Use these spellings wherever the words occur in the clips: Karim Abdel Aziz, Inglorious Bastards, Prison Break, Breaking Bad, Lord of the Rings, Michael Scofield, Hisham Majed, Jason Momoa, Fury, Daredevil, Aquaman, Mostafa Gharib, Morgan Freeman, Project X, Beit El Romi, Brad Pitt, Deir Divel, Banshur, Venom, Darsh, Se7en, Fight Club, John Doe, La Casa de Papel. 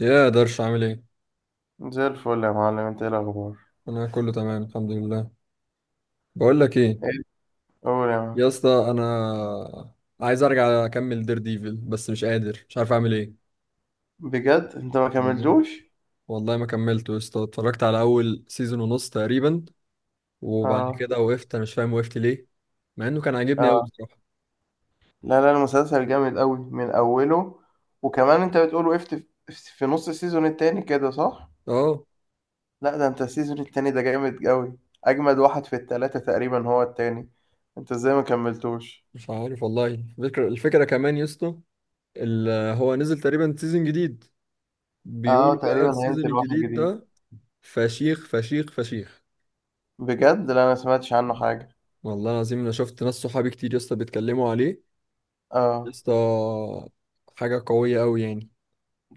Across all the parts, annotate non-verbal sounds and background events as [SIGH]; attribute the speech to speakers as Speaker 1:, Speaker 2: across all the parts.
Speaker 1: يا درش، عامل ايه؟
Speaker 2: زي الفل يا معلم، انت ايه الاخبار؟
Speaker 1: انا كله تمام، الحمد لله. بقول لك ايه؟
Speaker 2: ايه؟ قول يا معلم.
Speaker 1: يا اسطى انا عايز ارجع اكمل دير ديفل بس مش قادر، مش عارف اعمل ايه.
Speaker 2: بجد، انت ما كملتوش؟
Speaker 1: والله ما كملته يا اسطى، اتفرجت على اول سيزون ونص تقريبا. وبعد
Speaker 2: اه،
Speaker 1: كده وقفت، انا مش فاهم وقفت ليه. مع انه كان عاجبني قوي
Speaker 2: اه.
Speaker 1: بصراحه.
Speaker 2: لا، لا، المسلسل جامد قوي من اوله. وكمان انت بتقول وقفت في نص السيزون التاني كده، صح؟
Speaker 1: اه،
Speaker 2: لا، ده انت السيزون التاني ده جامد قوي. اجمد واحد في التلاتة تقريبا هو التاني. انت ازاي ما كملتوش؟
Speaker 1: مش عارف والله. الفكره كمان يا اسطى. ال- هو نزل تقريبا سيزون جديد،
Speaker 2: اه،
Speaker 1: بيقولوا بقى
Speaker 2: تقريبا
Speaker 1: السيزون
Speaker 2: هينزل واحد
Speaker 1: الجديد
Speaker 2: جديد.
Speaker 1: ده فشيخ فشيخ فشيخ.
Speaker 2: بجد؟ لا، انا ما سمعتش عنه حاجة.
Speaker 1: والله العظيم انا شفت ناس صحابي كتير يا اسطى بيتكلموا عليه. يا
Speaker 2: اه.
Speaker 1: اسطى، حاجه قويه قوي يعني.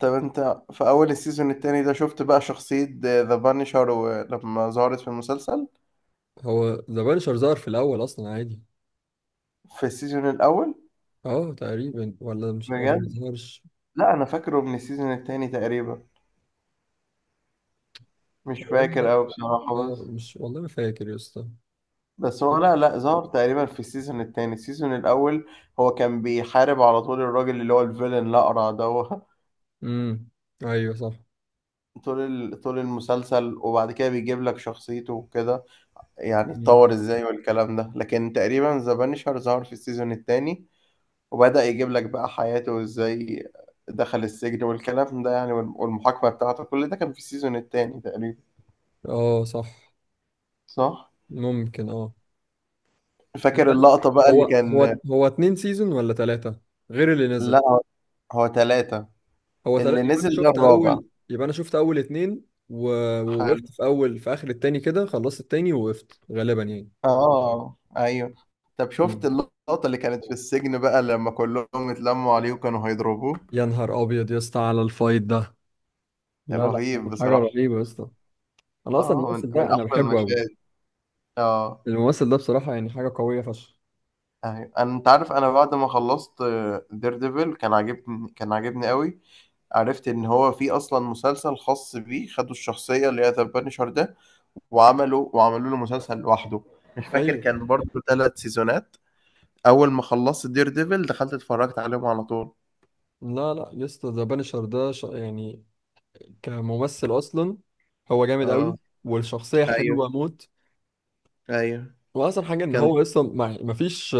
Speaker 2: طب انت في اول السيزون التاني ده، شفت بقى شخصية ذا بانشر لما ظهرت في المسلسل؟
Speaker 1: هو ذا بانشر ظهر في الاول اصلا عادي؟
Speaker 2: في السيزون الأول؟
Speaker 1: اه تقريبا، ولا ما
Speaker 2: بجد؟
Speaker 1: ظهرش.
Speaker 2: لا، أنا فاكره من السيزون التاني تقريبا، مش فاكر
Speaker 1: ولا،
Speaker 2: أوي بصراحة
Speaker 1: اه
Speaker 2: بس.
Speaker 1: مش والله، ما فاكر يا اسطى.
Speaker 2: بس هو، لا، لا، ظهر تقريبا في السيزون التاني، السيزون الأول. هو كان بيحارب على طول الراجل اللي هو الفيلن الأقرع ده هو.
Speaker 1: امم ايوه صح.
Speaker 2: [LAUGHS] طول المسلسل وبعد كده بيجيب لك شخصيته وكده، يعني
Speaker 1: مم.
Speaker 2: اتطور ازاي والكلام ده، لكن تقريبا ذا بانشر ظهر في السيزون التاني. وبدأ يجيب لك بقى حياته وازاي دخل السجن والكلام ده، يعني، والمحاكمة بتاعته، كل ده كان في السيزون التاني تقريبا،
Speaker 1: اه، صح.
Speaker 2: صح؟
Speaker 1: ممكن، اه.
Speaker 2: فاكر
Speaker 1: يبقى
Speaker 2: اللقطة بقى
Speaker 1: هو
Speaker 2: اللي كان.
Speaker 1: هو هو اتنين سيزون ولا تلاتة، غير اللي نزل؟
Speaker 2: لا، هو ثلاثة،
Speaker 1: هو ثلاثة،
Speaker 2: اللي
Speaker 1: يبقى انا
Speaker 2: نزل ده
Speaker 1: شفت
Speaker 2: الرابع.
Speaker 1: اول، اتنين
Speaker 2: حلو.
Speaker 1: ووقفت في اخر التاني كده، خلصت التاني ووقفت غالبا يعني.
Speaker 2: اه، ايوه. طب شفت
Speaker 1: مم.
Speaker 2: اللقطة اللي كانت في السجن بقى لما كلهم اتلموا عليه وكانوا هيضربوه؟
Speaker 1: يا نهار ابيض يا اسطى على الفايت ده! لا لا،
Speaker 2: رهيب
Speaker 1: كان حاجه
Speaker 2: بصراحة.
Speaker 1: رهيبه يا اسطى. انا اصلا
Speaker 2: اه، من
Speaker 1: الممثل
Speaker 2: من
Speaker 1: ده انا
Speaker 2: احلى
Speaker 1: بحبه قوي.
Speaker 2: المشاهد. اه،
Speaker 1: الممثل ده بصراحه يعني حاجه قويه فشخ.
Speaker 2: ايوه. انت عارف انا بعد ما خلصت دير ديفل كان عاجبني قوي. عرفت ان هو في اصلا مسلسل خاص بيه، خدوا الشخصية اللي هي ذا بانشر ده، وعملوا له مسلسل لوحده. مش فاكر
Speaker 1: ايوه.
Speaker 2: كان برضه ثلاث سيزونات. اول ما خلصت دير ديفل دخلت اتفرجت عليهم على طول.
Speaker 1: لا لا يا اسطى، ذا بانشر ده يعني، كممثل اصلا، هو جامد
Speaker 2: اه،
Speaker 1: قوي. والشخصيه
Speaker 2: ايوه،
Speaker 1: حلوه موت.
Speaker 2: ايوه،
Speaker 1: واحسن حاجه ان
Speaker 2: كان.
Speaker 1: هو اصلا ما فيش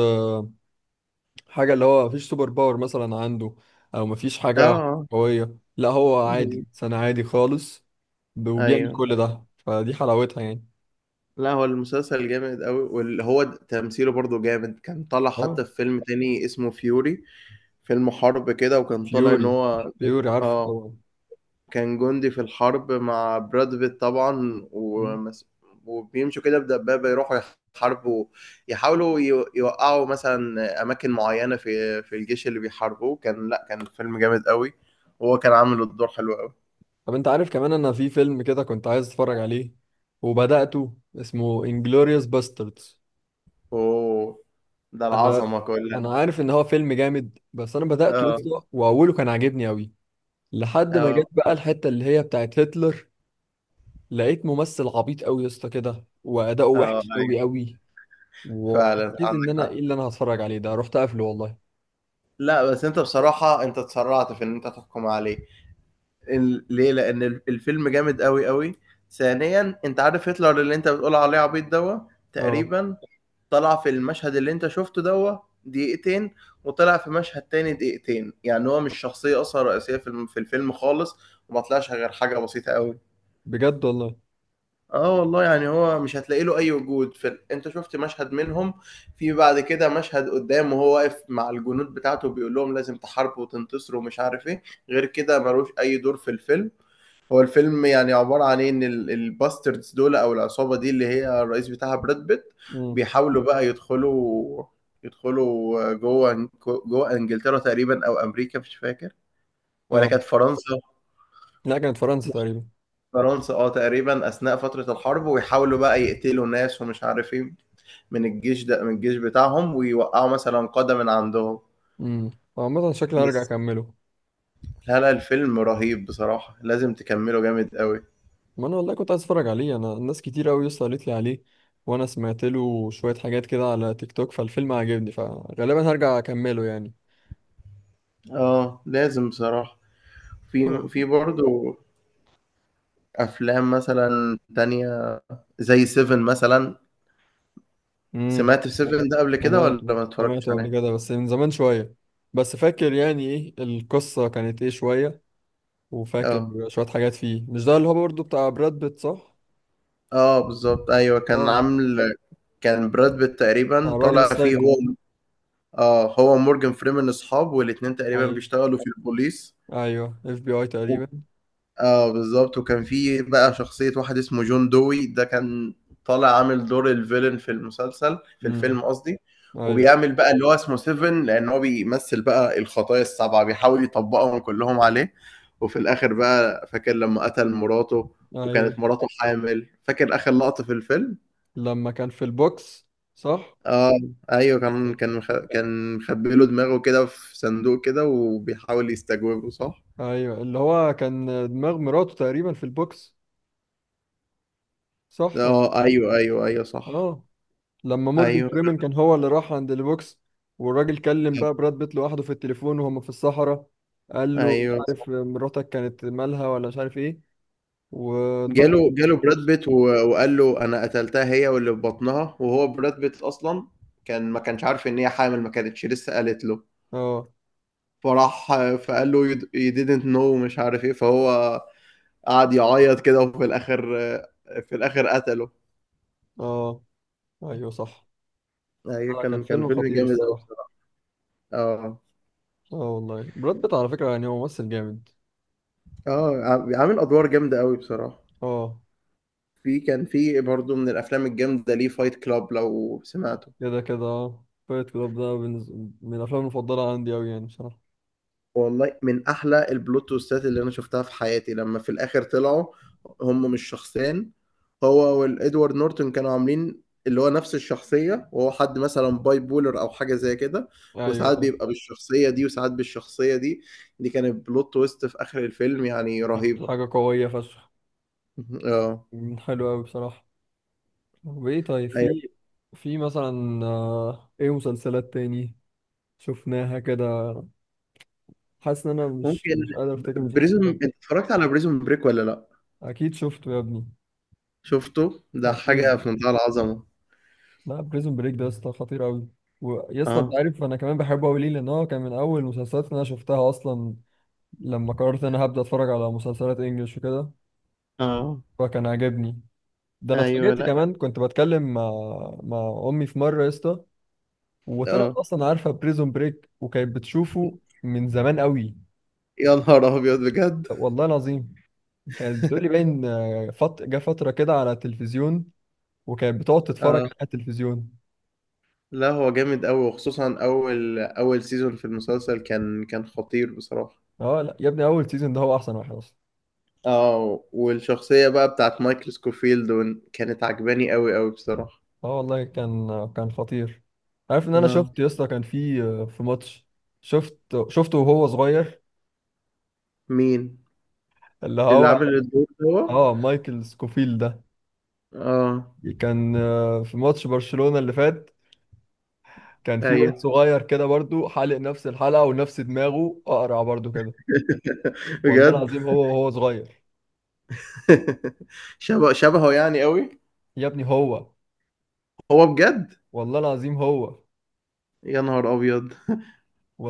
Speaker 1: حاجة، اللي هو مفيش سوبر باور مثلا عنده، أو مفيش
Speaker 2: اه،
Speaker 1: حاجة
Speaker 2: آه.
Speaker 1: قوية. لا هو عادي
Speaker 2: بال-
Speaker 1: سنة، عادي خالص، وبيعمل
Speaker 2: ايوه.
Speaker 1: كل ده، فدي حلاوتها يعني.
Speaker 2: لا، هو المسلسل جامد قوي واللي هو تمثيله برضه جامد، كان طالع
Speaker 1: اه.
Speaker 2: حتى في فيلم تاني اسمه فيوري. فيلم حرب كده، وكان طالع ان
Speaker 1: فيوري.
Speaker 2: هو،
Speaker 1: فيوري عارفه
Speaker 2: اه،
Speaker 1: طبعا.
Speaker 2: كان جندي في الحرب مع براد بيت طبعا،
Speaker 1: مم.
Speaker 2: وبيمشوا كده بدبابة يروحوا يحاربوا، يحاولوا يوقعوا مثلا أماكن معينة في الجيش اللي بيحاربوه. كان، لأ، كان فيلم جامد قوي، وهو كان عامل الدور حلو قوي.
Speaker 1: طب انت عارف كمان، انا في فيلم كده كنت عايز اتفرج عليه وبدأته، اسمه انجلوريوس باستردز.
Speaker 2: أوه، ده
Speaker 1: انا
Speaker 2: العظمة كلها.
Speaker 1: انا عارف ان هو فيلم جامد بس انا بدأته
Speaker 2: اه،
Speaker 1: يسطا، واوله كان عاجبني قوي. لحد ما
Speaker 2: اه،
Speaker 1: جت بقى الحتة اللي هي بتاعت هتلر، لقيت ممثل عبيط قوي يا اسطى كده، واداؤه
Speaker 2: اه،
Speaker 1: وحش
Speaker 2: ايوه.
Speaker 1: قوي قوي.
Speaker 2: فعلا
Speaker 1: وحسيت ان
Speaker 2: عندك
Speaker 1: انا ايه
Speaker 2: حق.
Speaker 1: اللي انا هتفرج عليه ده، رحت قافله والله.
Speaker 2: لا، بس انت بصراحة انت اتسرعت في ان انت تحكم عليه. ليه؟ لان الفيلم جامد قوي قوي. ثانيا، انت عارف هتلر اللي انت بتقول عليه عبيط دوا،
Speaker 1: اه،
Speaker 2: تقريبا طلع في المشهد اللي انت شفته دوا دقيقتين، وطلع في مشهد تاني دقيقتين، يعني هو مش شخصية اصلا رئيسية في الفيلم خالص، وما طلعش غير حاجة بسيطة قوي.
Speaker 1: بجد والله.
Speaker 2: اه والله، يعني هو مش هتلاقي له اي وجود انت شفت مشهد منهم. في بعد كده مشهد قدام، وهو واقف مع الجنود بتاعته بيقول لهم لازم تحاربوا وتنتصروا ومش عارف ايه. غير كده ملوش اي دور في الفيلم. هو الفيلم يعني عبارة عن إيه؟ إن الباستردز دول، أو العصابة دي اللي هي الرئيس بتاعها براد بيت،
Speaker 1: امم
Speaker 2: بيحاولوا بقى يدخلوا جوه إنجلترا تقريبا أو أمريكا، مش فاكر، ولا
Speaker 1: اه،
Speaker 2: كانت فرنسا.
Speaker 1: لا كانت فرنسا تقريبا.
Speaker 2: فرنسا، اه، تقريبا أثناء فترة الحرب، ويحاولوا بقى يقتلوا ناس ومش عارف إيه من الجيش ده، من الجيش بتاعهم، ويوقعوا مثلا قادة من عندهم.
Speaker 1: امم عامة شكلي هرجع
Speaker 2: بس.
Speaker 1: اكمله.
Speaker 2: لا، لا، الفيلم رهيب بصراحة، لازم تكمله، جامد قوي.
Speaker 1: ما انا والله كنت عايز اتفرج عليه، انا الناس كتير قوي يا اسطى قالت لي عليه، وانا سمعت له شوية حاجات كده على تيك توك، فالفيلم عجبني فغالبا هرجع اكمله يعني.
Speaker 2: اه، لازم بصراحة. في
Speaker 1: اه.
Speaker 2: في برضه افلام مثلا تانية، زي سيفن مثلا.
Speaker 1: امم
Speaker 2: سمعت سيفن ده قبل كده ولا
Speaker 1: سمعته
Speaker 2: ما اتفرجتش
Speaker 1: سمعته قبل
Speaker 2: عليه؟
Speaker 1: كده بس من زمان شوية. بس فاكر يعني ايه القصة كانت ايه شوية، وفاكر
Speaker 2: اه،
Speaker 1: شوية حاجات فيه. مش ده اللي هو برضه بتاع براد بيت صح؟
Speaker 2: اه، بالظبط، ايوه، كان
Speaker 1: اه،
Speaker 2: عامل، كان براد بيت
Speaker 1: بتاع
Speaker 2: تقريبا
Speaker 1: الراجل
Speaker 2: طالع فيه
Speaker 1: السايكو.
Speaker 2: هو. اه، هو مورجان فريمان اصحاب، والاتنين تقريبا
Speaker 1: ايوه،
Speaker 2: بيشتغلوا في البوليس.
Speaker 1: ايوه، اف بي اي تقريبا.
Speaker 2: آه بالضبط، وكان في بقى شخصية واحد اسمه جون دوي، ده كان طالع عامل دور الvillain في المسلسل، في الفيلم
Speaker 1: امم
Speaker 2: قصدي،
Speaker 1: ايوه،
Speaker 2: وبيعمل بقى اللي هو اسمه سيفن لإن هو بيمثّل بقى الخطايا ال7، بيحاول يطبّقهم كلّهم عليه، وفي الآخر بقى، فاكر لمّا قتل مراته
Speaker 1: ايوه،
Speaker 2: وكانت مراته حامل، فاكر آخر لقطة في الفيلم؟
Speaker 1: لما كان في البوكس صح؟
Speaker 2: آه، أيوه، كان مخبّي له دماغه كده في صندوق كده وبيحاول يستجوبه، صح؟
Speaker 1: ايوه اللي هو كان دماغ مراته تقريبا في البوكس صح؟
Speaker 2: آه، أيوه، أيوه، أيوه صح،
Speaker 1: اه، لما مورجان
Speaker 2: أيوه،
Speaker 1: فريمن كان هو اللي راح عند البوكس، والراجل كلم بقى براد بيت لوحده في التليفون وهم في الصحراء، قال له مش
Speaker 2: أيوه.
Speaker 1: عارف مراتك كانت مالها ولا مش عارف ايه، ودماغه
Speaker 2: جاله
Speaker 1: في
Speaker 2: جاله براد
Speaker 1: البوكس.
Speaker 2: بيت وقال له انا قتلتها هي واللي في بطنها، وهو براد بيت اصلا كان ما كانش عارف ان هي حامل، ما كانتش لسه قالت له.
Speaker 1: اه،
Speaker 2: فراح فقال له you didn't know مش عارف ايه، فهو قعد يعيط كده، وفي الاخر قتله.
Speaker 1: اه، ايوه صح.
Speaker 2: ايوه،
Speaker 1: لا، كان
Speaker 2: كان
Speaker 1: فيلم
Speaker 2: فيلم
Speaker 1: خطير
Speaker 2: جامد قوي
Speaker 1: الصراحه.
Speaker 2: بصراحه. اه،
Speaker 1: اه والله براد بيت على فكره يعني هو ممثل جامد.
Speaker 2: اه، عامل ادوار جامده قوي بصراحه.
Speaker 1: اه.
Speaker 2: في كان في برضه من الافلام الجامده ليه فايت كلاب، لو سمعته.
Speaker 1: كده كده، اه، فايت كلاب ده من الافلام المفضله عندي اوي يعني بصراحه.
Speaker 2: والله من احلى البلوت تويستات اللي انا شفتها في حياتي، لما في الاخر طلعوا هم مش شخصين، هو والادوارد نورتون كانوا عاملين اللي هو نفس الشخصية، وهو حد مثلا باي بولر او حاجة زي كده،
Speaker 1: ايوه،
Speaker 2: وساعات
Speaker 1: صح.
Speaker 2: بيبقى بالشخصية دي وساعات بالشخصية دي. دي كانت بلوت تويست في اخر الفيلم، يعني
Speaker 1: كانت
Speaker 2: رهيبة.
Speaker 1: حاجه قويه فشخ.
Speaker 2: [LAUGHS] اه،
Speaker 1: حلو اوي بصراحه. وايه، طيب، في
Speaker 2: ايوه،
Speaker 1: في مثلا ايه مسلسلات تاني شفناها كده؟ حاسس ان انا مش
Speaker 2: ممكن.
Speaker 1: مش قادر افتكر مسلسلات.
Speaker 2: انت اتفرجت على بريزون بريك ولا لا؟
Speaker 1: اكيد شفته يا ابني.
Speaker 2: شفته؟ ده حاجة
Speaker 1: اكيد.
Speaker 2: في منتهى العظمة.
Speaker 1: لا بريزون بريك ده يا اسطى خطير قوي. ويا اسطى، انت
Speaker 2: اه،
Speaker 1: عارف انا كمان بحبه قوي ليه، لان هو كان من اول المسلسلات اللي انا شفتها اصلا، لما قررت ان انا هبدا اتفرج على مسلسلات انجلش وكده،
Speaker 2: اه،
Speaker 1: فكان عاجبني. ده انا
Speaker 2: ايوه،
Speaker 1: اتفاجئت
Speaker 2: لا،
Speaker 1: كمان، كنت بتكلم مع امي في مره يا اسطى، وطلعت
Speaker 2: اه.
Speaker 1: اصلا عارفه بريزون بريك وكانت بتشوفه من زمان قوي.
Speaker 2: يا نهار ابيض بجد.
Speaker 1: طب والله العظيم، كانت بتقولي باين جه فتره كده على التلفزيون، وكانت بتقعد تتفرج
Speaker 2: اه،
Speaker 1: على التلفزيون.
Speaker 2: لا، هو جامد قوي، وخصوصا اول سيزون في المسلسل كان خطير بصراحة.
Speaker 1: اه لا يا ابني، اول سيزون ده هو احسن واحد اصلا.
Speaker 2: اه، والشخصية بقى بتاعت مايكل سكوفيلد كانت عجباني قوي قوي بصراحة.
Speaker 1: اه والله كان خطير. عارف ان انا
Speaker 2: اه.
Speaker 1: شفت يا اسطى، كان في ماتش، شفت شفته وهو صغير،
Speaker 2: مين؟
Speaker 1: اللي
Speaker 2: اللي
Speaker 1: هو،
Speaker 2: عامل الدور ده هو؟
Speaker 1: اه، مايكل سكوفيل ده.
Speaker 2: اه،
Speaker 1: كان في ماتش برشلونة اللي فات، كان في واد
Speaker 2: ايوه.
Speaker 1: صغير كده برضو حالق نفس الحلقة ونفس دماغه اقرع برضو كده.
Speaker 2: [LAUGHS]
Speaker 1: والله
Speaker 2: بجد.
Speaker 1: العظيم هو وهو صغير.
Speaker 2: [LAUGHS] شبه شبهه يعني قوي.
Speaker 1: يا ابني هو،
Speaker 2: هو بجد.
Speaker 1: والله العظيم هو،
Speaker 2: يا نهار ابيض،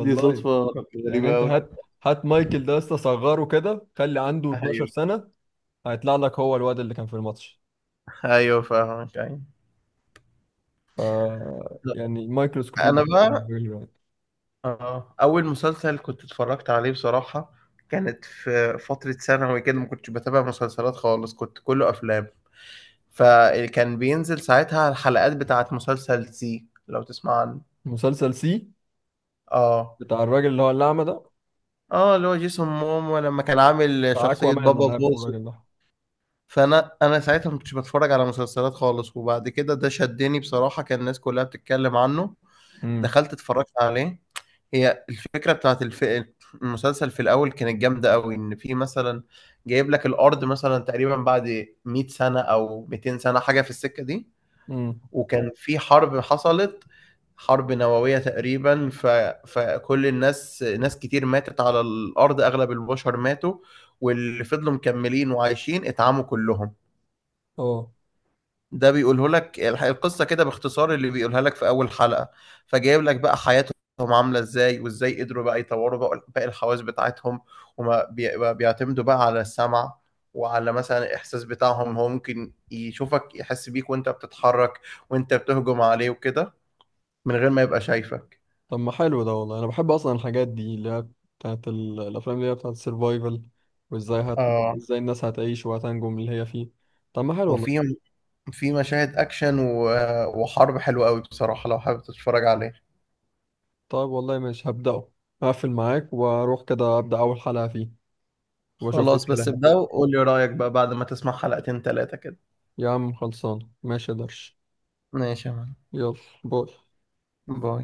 Speaker 2: دي صدفة
Speaker 1: يعني
Speaker 2: غريبة
Speaker 1: انت
Speaker 2: قوي.
Speaker 1: هات، هات مايكل ده يا اسطى صغره كده، خلي عنده 12
Speaker 2: ايوه،
Speaker 1: سنة، هيطلع لك هو الواد اللي كان في الماتش.
Speaker 2: ايوه، فاهمك، ايوه.
Speaker 1: ف يعني مايكروسكوبيد
Speaker 2: انا
Speaker 1: ده
Speaker 2: بقى،
Speaker 1: بالنسبة لي يعني.
Speaker 2: اه اول مسلسل كنت اتفرجت عليه بصراحة، كانت في فترة ثانوي كده، ما كنتش بتابع مسلسلات خالص، كنت كله افلام. فكان بينزل ساعتها الحلقات بتاعت مسلسل سي، لو تسمع عنه.
Speaker 1: مسلسل سي
Speaker 2: اه،
Speaker 1: بتاع الراجل اللي هو الأعمى ده،
Speaker 2: اه، اللي هو جيسون مومو لما كان عامل
Speaker 1: بتاع أكوا
Speaker 2: شخصية
Speaker 1: مان،
Speaker 2: بابا
Speaker 1: أنا عارفه
Speaker 2: بوسو.
Speaker 1: الراجل ده.
Speaker 2: فانا ساعتها ما كنتش بتفرج على مسلسلات خالص، وبعد كده ده شدني بصراحة، كان الناس كلها بتتكلم عنه.
Speaker 1: امم
Speaker 2: دخلت اتفرجت عليه. هي الفكرة بتاعت المسلسل في الأول كانت جامدة أوي، إن في مثلا جايب لك الأرض مثلا تقريبا بعد 100 سنة أو 200 سنة، حاجة في السكة دي،
Speaker 1: امم
Speaker 2: وكان في حرب حصلت، حرب نووية تقريبا، فكل الناس ناس كتير ماتت على الأرض، أغلب البشر ماتوا، واللي فضلوا مكملين وعايشين اتعموا كلهم.
Speaker 1: اه.
Speaker 2: ده بيقوله لك القصة كده باختصار اللي بيقولها لك في أول حلقة. فجايب لك بقى حياتهم عاملة ازاي، وازاي قدروا بقى يطوروا بقى باقي الحواس بتاعتهم، ما بيعتمدوا بقى على السمع، وعلى مثلا الإحساس بتاعهم، هو ممكن يشوفك، يحس بيك وانت بتتحرك وانت بتهجم عليه وكده، من غير ما يبقى شايفك.
Speaker 1: طب ما حلو ده والله، أنا بحب أصلا الحاجات دي، اللي هي بتاعت الأفلام اللي هي بتاعت السرفايفل، وإزاي هت...
Speaker 2: اه،
Speaker 1: إزاي الناس هتعيش وهتنجو من اللي هي فيه. طب ما حلو
Speaker 2: وفي
Speaker 1: والله.
Speaker 2: في مشاهد أكشن وحرب حلوة قوي بصراحة، لو حابب تتفرج عليه.
Speaker 1: طيب والله ماشي هبدأه، هقفل معاك وأروح كده أبدأ أول حلقة فيه، وأشوف إيه
Speaker 2: خلاص، بس
Speaker 1: الكلام.
Speaker 2: ابدأ وقول لي رأيك بقى بعد ما تسمع حلقتين تلاتة كده.
Speaker 1: يا عم خلصان، ماشي يا درش.
Speaker 2: ماشي يا معلم.
Speaker 1: يلا، باي.
Speaker 2: باي